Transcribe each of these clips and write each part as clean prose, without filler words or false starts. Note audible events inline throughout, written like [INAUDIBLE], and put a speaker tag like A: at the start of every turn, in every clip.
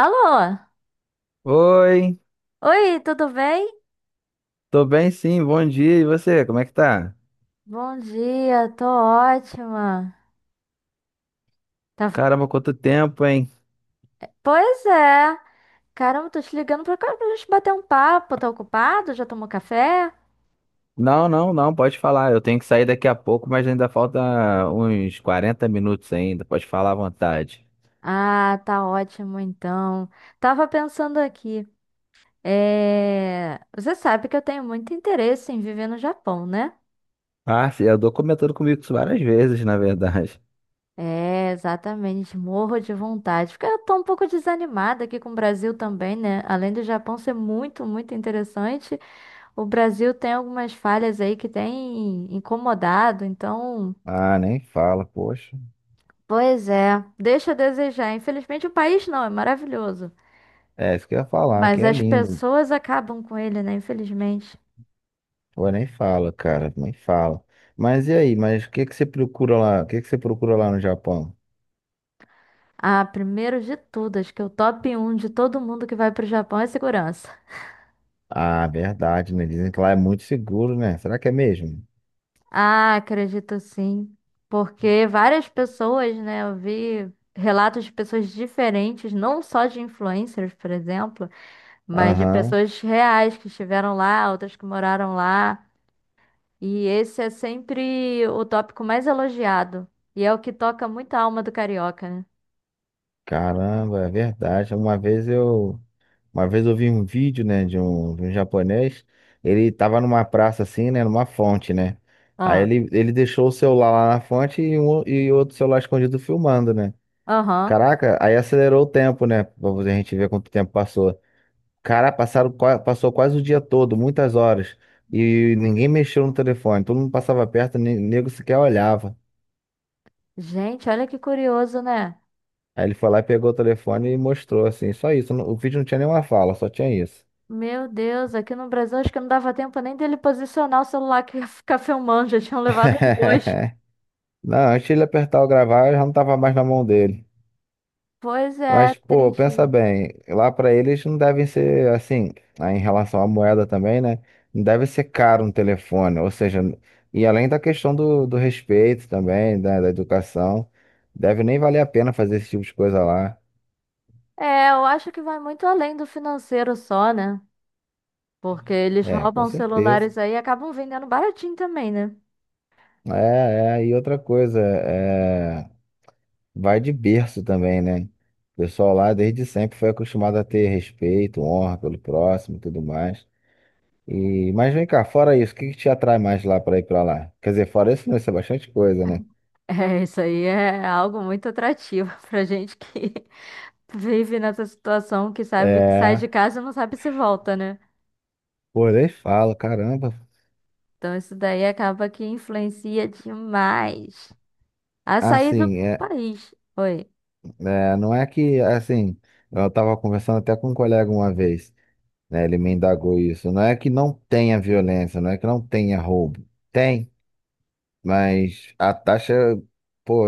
A: Alô?
B: Oi,
A: Oi, tudo bem?
B: tô bem sim, bom dia. E você, como é que tá?
A: Bom dia, tô ótima. Tá-
B: Caramba, quanto tempo, hein?
A: Pois é. Caramba, tô te ligando pra cá pra gente bater um papo. Tá ocupado? Já tomou café?
B: Não, não, não, pode falar. Eu tenho que sair daqui a pouco, mas ainda falta uns 40 minutos ainda. Pode falar à vontade.
A: Ah, tá ótimo então. Tava pensando aqui. Você sabe que eu tenho muito interesse em viver no Japão, né?
B: Ah, sim, eu tô comentando comigo isso várias vezes, na verdade. [LAUGHS]
A: É, exatamente. Morro de vontade. Porque eu tô um pouco desanimada aqui com o Brasil também, né? Além do Japão ser muito interessante. O Brasil tem algumas falhas aí que tem incomodado, então,
B: Ah, nem fala, poxa.
A: pois é, deixa a desejar. Infelizmente, o país não, é maravilhoso.
B: É, isso que eu ia falar,
A: Mas
B: que é
A: as
B: lindo.
A: pessoas acabam com ele, né? Infelizmente.
B: Pô, nem fala, cara, nem fala. Mas e aí, mas o que que você procura lá? O que que você procura lá no Japão?
A: Ah, primeiro de tudo, acho que o top um de todo mundo que vai para o Japão é segurança.
B: Ah, verdade, né? Dizem que lá é muito seguro, né? Será que é mesmo?
A: Ah, acredito sim. Porque várias pessoas, né? Eu vi relatos de pessoas diferentes, não só de influencers, por exemplo, mas de
B: Aham.
A: pessoas reais que estiveram lá, outras que moraram lá. E esse é sempre o tópico mais elogiado. E é o que toca muito a alma do carioca, né?
B: Caramba, é verdade. Uma vez eu vi um vídeo, né, de um japonês. Ele tava numa praça assim, né, numa fonte, né? Aí
A: Ah,
B: ele deixou o celular lá na fonte e outro celular escondido filmando, né?
A: aham.
B: Caraca, aí acelerou o tempo, né? Pra a gente ver quanto tempo passou. Cara, passaram, passou quase o dia todo, muitas horas. E ninguém mexeu no telefone. Todo mundo passava perto, nego sequer olhava.
A: Gente, olha que curioso, né?
B: Aí ele foi lá e pegou o telefone e mostrou assim, só isso. O vídeo não tinha nenhuma fala, só tinha isso.
A: Meu Deus, aqui no Brasil acho que não dava tempo nem dele posicionar o celular que ia [LAUGHS] ficar filmando, já tinham levado os dois.
B: [LAUGHS] Não, antes de ele apertar o gravar, eu já não tava mais na mão dele.
A: Pois é,
B: Mas, pô, pensa
A: triste.
B: bem, lá pra eles não devem ser assim, aí em relação à moeda também, né? Não deve ser caro um telefone, ou seja, e além da questão do respeito também, da educação, deve nem valer a pena fazer esse tipo de coisa lá.
A: É, eu acho que vai muito além do financeiro só, né? Porque eles
B: É, com
A: roubam
B: certeza.
A: celulares aí e acabam vendendo baratinho também, né?
B: É, é, e outra coisa, é, vai de berço também, né? O pessoal lá desde sempre foi acostumado a ter respeito, honra pelo próximo e tudo mais. E, mas vem cá, fora isso, o que que te atrai mais lá para ir para lá? Quer dizer, fora isso, não, isso é bastante coisa, né?
A: É, isso aí é algo muito atrativo [LAUGHS] pra gente que vive nessa situação que sabe que sai
B: É,
A: de casa e não sabe se volta, né?
B: pô, nem falo, caramba.
A: Então isso daí acaba que influencia demais a sair do
B: Assim, é,
A: país. Oi.
B: é, não é que, assim, eu tava conversando até com um colega uma vez, né? Ele me indagou isso. Não é que não tenha violência, não é que não tenha roubo. Tem, mas a taxa, pô,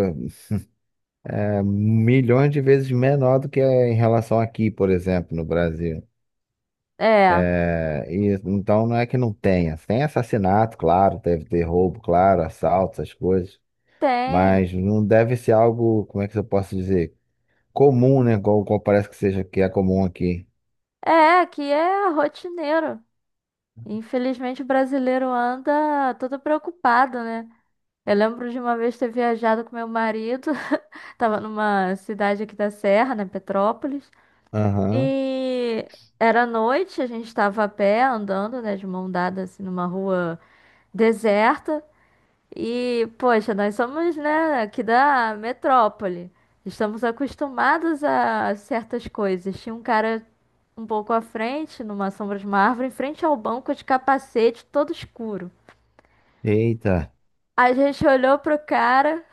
B: milhões de vezes menor do que em relação aqui, por exemplo, no Brasil.
A: É,
B: É, e, então não é que não tenha. Tem assassinato, claro, deve ter roubo, claro, assalto, essas coisas.
A: tem.
B: Mas não deve ser algo, como é que eu posso dizer? Comum, né? Igual parece que seja que é comum aqui.
A: É, aqui é rotineiro. Infelizmente o brasileiro anda todo preocupado, né? Eu lembro de uma vez ter viajado com meu marido, [LAUGHS] tava numa cidade aqui da Serra, né, Petrópolis,
B: Aham.
A: e era noite, a gente tava a pé andando, né, de mão dada assim numa rua deserta e, poxa, nós somos, né, aqui da metrópole. Estamos acostumados a certas coisas. Tinha um cara um pouco à frente, numa sombra de uma árvore, em frente ao banco de capacete, todo escuro.
B: Eita,
A: A gente olhou pro cara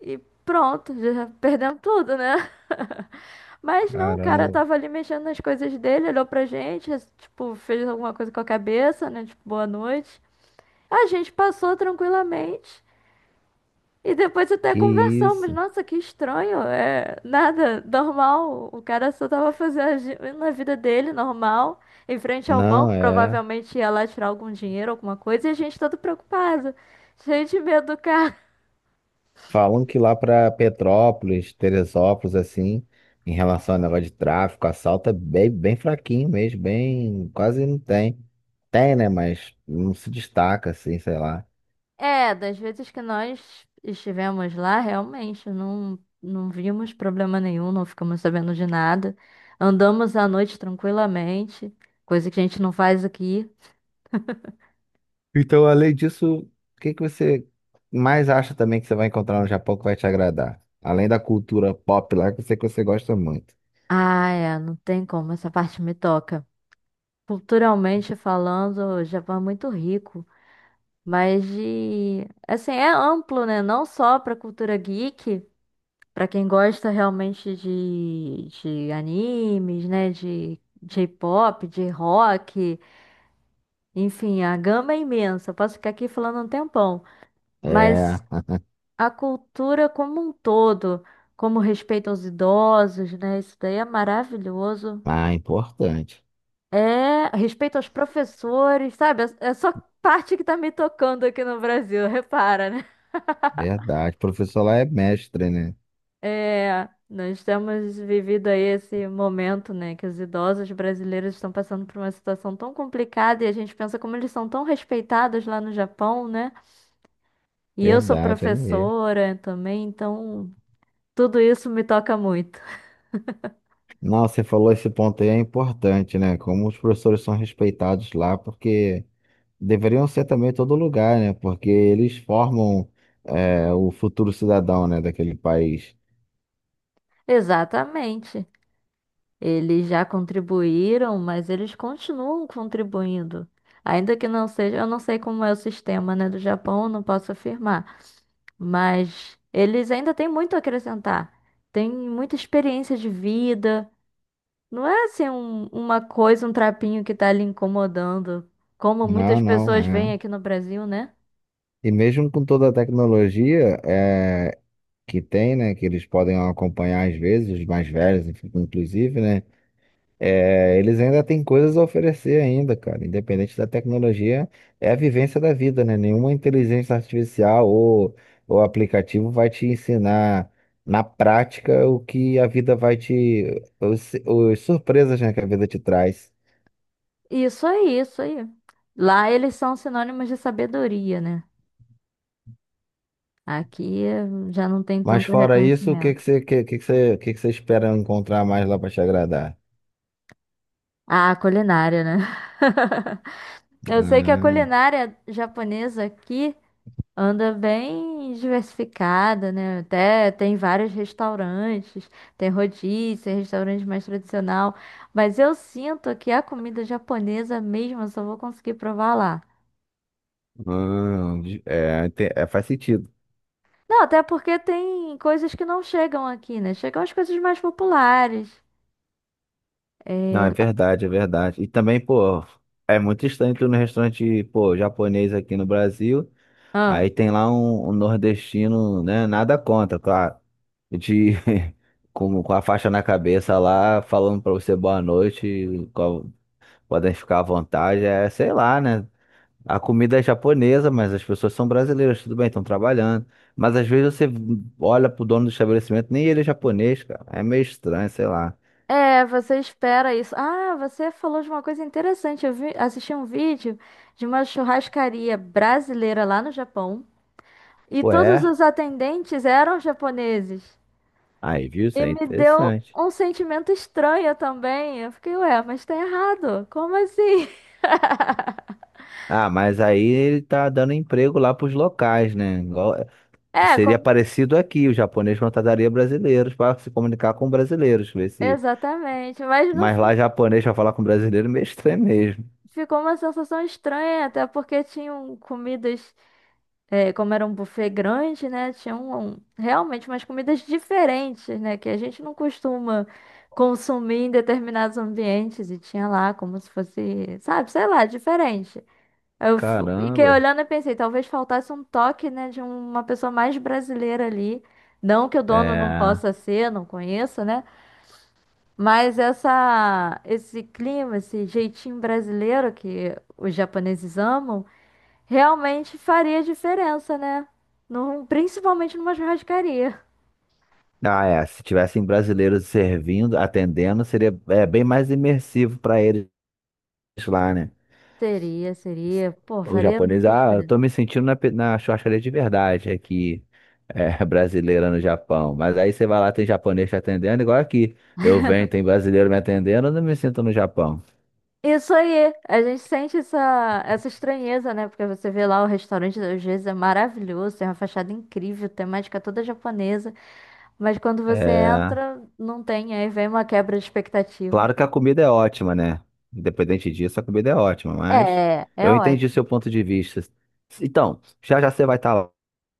A: e pronto, já perdemos tudo, né? [LAUGHS] Mas não, o cara
B: caramba,
A: tava ali mexendo nas coisas dele, olhou pra gente, tipo, fez alguma coisa com a cabeça, né? Tipo, boa noite. A gente passou tranquilamente. E depois até
B: que
A: conversamos,
B: isso?
A: nossa, que estranho, é nada, normal, o cara só tava fazendo na vida dele, normal, em frente ao
B: Não,
A: banco,
B: é.
A: provavelmente ia lá tirar algum dinheiro, alguma coisa, e a gente todo preocupado, cheio de medo do cara.
B: Falam que lá para Petrópolis, Teresópolis, assim, em relação ao negócio de tráfico, assalto é bem, bem fraquinho mesmo, bem, quase não tem. Tem, né? Mas não se destaca, assim, sei lá.
A: É, das vezes que nós estivemos lá, realmente, não, não vimos problema nenhum, não ficamos sabendo de nada, andamos à noite tranquilamente, coisa que a gente não faz aqui.
B: Então, além disso, o que que você mais acha também que você vai encontrar no Japão que vai te agradar? Além da cultura pop lá, que eu sei que você gosta muito.
A: Ah, é, não tem como, essa parte me toca. Culturalmente falando, o Japão é muito rico, mas de, assim, é amplo, né? Não só para cultura geek, para quem gosta realmente de animes, né? De J-pop, de rock, enfim, a gama é imensa. Eu posso ficar aqui falando um tempão,
B: É,
A: mas a cultura como um todo, como respeito aos idosos, né? Isso daí é maravilhoso.
B: ah, importante.
A: É, respeito aos professores, sabe? É só parte que tá me tocando aqui no Brasil, [LAUGHS] repara, né?
B: Verdade. O professor lá é mestre, né?
A: É, nós temos vivido aí esse momento, né, que os idosos brasileiros estão passando por uma situação tão complicada e a gente pensa como eles são tão respeitados lá no Japão, né? E eu sou
B: Verdade, é mesmo.
A: professora também, então tudo isso me toca muito.
B: Não, você falou esse ponto aí é importante, né? Como os professores são respeitados lá, porque deveriam ser também em todo lugar, né? Porque eles formam é, o futuro cidadão, né, daquele país.
A: [LAUGHS] Exatamente. Eles já contribuíram, mas eles continuam contribuindo. Ainda que não seja, eu não sei como é o sistema, né, do Japão, não posso afirmar, mas eles ainda têm muito a acrescentar. Tem muita experiência de vida. Não é assim uma coisa, um trapinho que tá ali incomodando, como
B: Não,
A: muitas
B: não,
A: pessoas veem
B: é.
A: aqui no Brasil, né?
B: E mesmo com toda a tecnologia é, que tem, né, que eles podem acompanhar às vezes, os mais velhos, inclusive, né? É, eles ainda têm coisas a oferecer ainda, cara. Independente da tecnologia, é a vivência da vida, né? Nenhuma inteligência artificial ou aplicativo vai te ensinar na prática o que a vida vai te, os surpresas, né, que a vida te traz.
A: Isso aí, isso aí. Lá eles são sinônimos de sabedoria, né? Aqui já não tem
B: Mas
A: tanto
B: fora isso,
A: reconhecimento.
B: o que que você espera encontrar mais lá para te agradar?
A: Ah, culinária, né? [LAUGHS] Eu sei que a
B: Hum,
A: culinária japonesa aqui anda bem diversificada, né? Até tem vários restaurantes, tem rodízio, restaurante mais tradicional, mas eu sinto que a comida japonesa mesmo eu só vou conseguir provar lá.
B: é, faz sentido.
A: Não, até porque tem coisas que não chegam aqui, né? Chegam as coisas mais populares.
B: Não,
A: É...
B: é verdade, é verdade. E também, pô, é muito estranho tu ir no restaurante, pô, japonês aqui no Brasil,
A: ah,
B: aí tem lá um, nordestino, né, nada contra, claro, de, [LAUGHS] com a faixa na cabeça lá, falando pra você boa noite, podem ficar à vontade, é, sei lá, né, a comida é japonesa, mas as pessoas são brasileiras, tudo bem, estão trabalhando, mas às vezes você olha pro dono do estabelecimento, nem ele é japonês, cara, é meio estranho, sei lá.
A: é, você espera isso. Ah, você falou de uma coisa interessante. Eu vi, assisti um vídeo de uma churrascaria brasileira lá no Japão e todos
B: Ué.
A: os atendentes eram japoneses.
B: Aí, viu? Isso
A: E
B: é
A: me deu
B: interessante.
A: um sentimento estranho também. Eu fiquei, ué, mas tá errado. Como assim? [LAUGHS]
B: Ah, mas aí ele tá dando emprego lá pros locais, né?
A: É,
B: Seria parecido aqui, o japonês contrataria brasileiros para se comunicar com brasileiros, ver se.
A: exatamente. Mas não
B: Mas
A: fi-
B: lá japonês pra falar com brasileiro é meio estranho mesmo.
A: ficou uma sensação estranha, até porque tinham comidas. É, como era um buffet grande, né? Tinha realmente umas comidas diferentes, né? Que a gente não costuma consumir em determinados ambientes. E tinha lá como se fosse, sabe, sei lá, diferente. Fiquei
B: Caramba.
A: olhando e pensei, talvez faltasse um toque, né, de uma pessoa mais brasileira ali. Não que o dono não
B: É.
A: possa ser, não conheço, né? Mas essa, esse clima, esse jeitinho brasileiro que os japoneses amam. Realmente faria diferença, né? Num, principalmente numa churrascaria.
B: Ah, é. Se tivessem brasileiros servindo, atendendo, seria bem mais imersivo para eles lá, né?
A: Seria, seria. Pô,
B: O
A: faria
B: japonês,
A: muita
B: ah, eu
A: diferença.
B: tô me sentindo na, na churrascaria de verdade aqui, [LAUGHS] brasileira no Japão. Mas aí você vai lá, tem japonês te atendendo, igual aqui. Eu venho, tem brasileiro me atendendo, eu não me sinto no Japão.
A: Isso aí, a gente sente essa estranheza, né? Porque você vê lá o restaurante, às vezes é maravilhoso, tem uma fachada incrível, temática toda japonesa, mas quando você
B: É,
A: entra, não tem, aí vem uma quebra de expectativa.
B: claro que a comida é ótima, né? Independente disso, a comida é ótima, mas
A: É, é
B: eu entendi o
A: ótimo.
B: seu ponto de vista. Então, já já você vai estar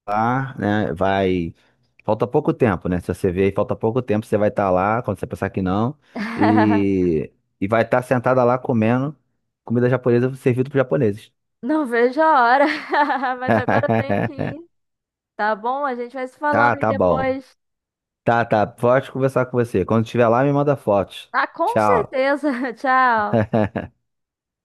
B: lá, né? Vai. Falta pouco tempo, né? Se você vê aí, falta pouco tempo, você vai estar lá, quando você pensar que não,
A: [LAUGHS]
B: e, e vai estar sentada lá comendo comida japonesa servida para japoneses.
A: Não vejo a hora, [LAUGHS] mas agora eu tenho que
B: [LAUGHS]
A: ir, tá bom? A gente vai se falando
B: Ah,
A: aí
B: tá bom.
A: depois.
B: Tá, tá. Pode conversar com você. Quando estiver lá, me manda fotos.
A: Ah, com
B: Tchau.
A: certeza. [LAUGHS] Tchau.
B: [LAUGHS]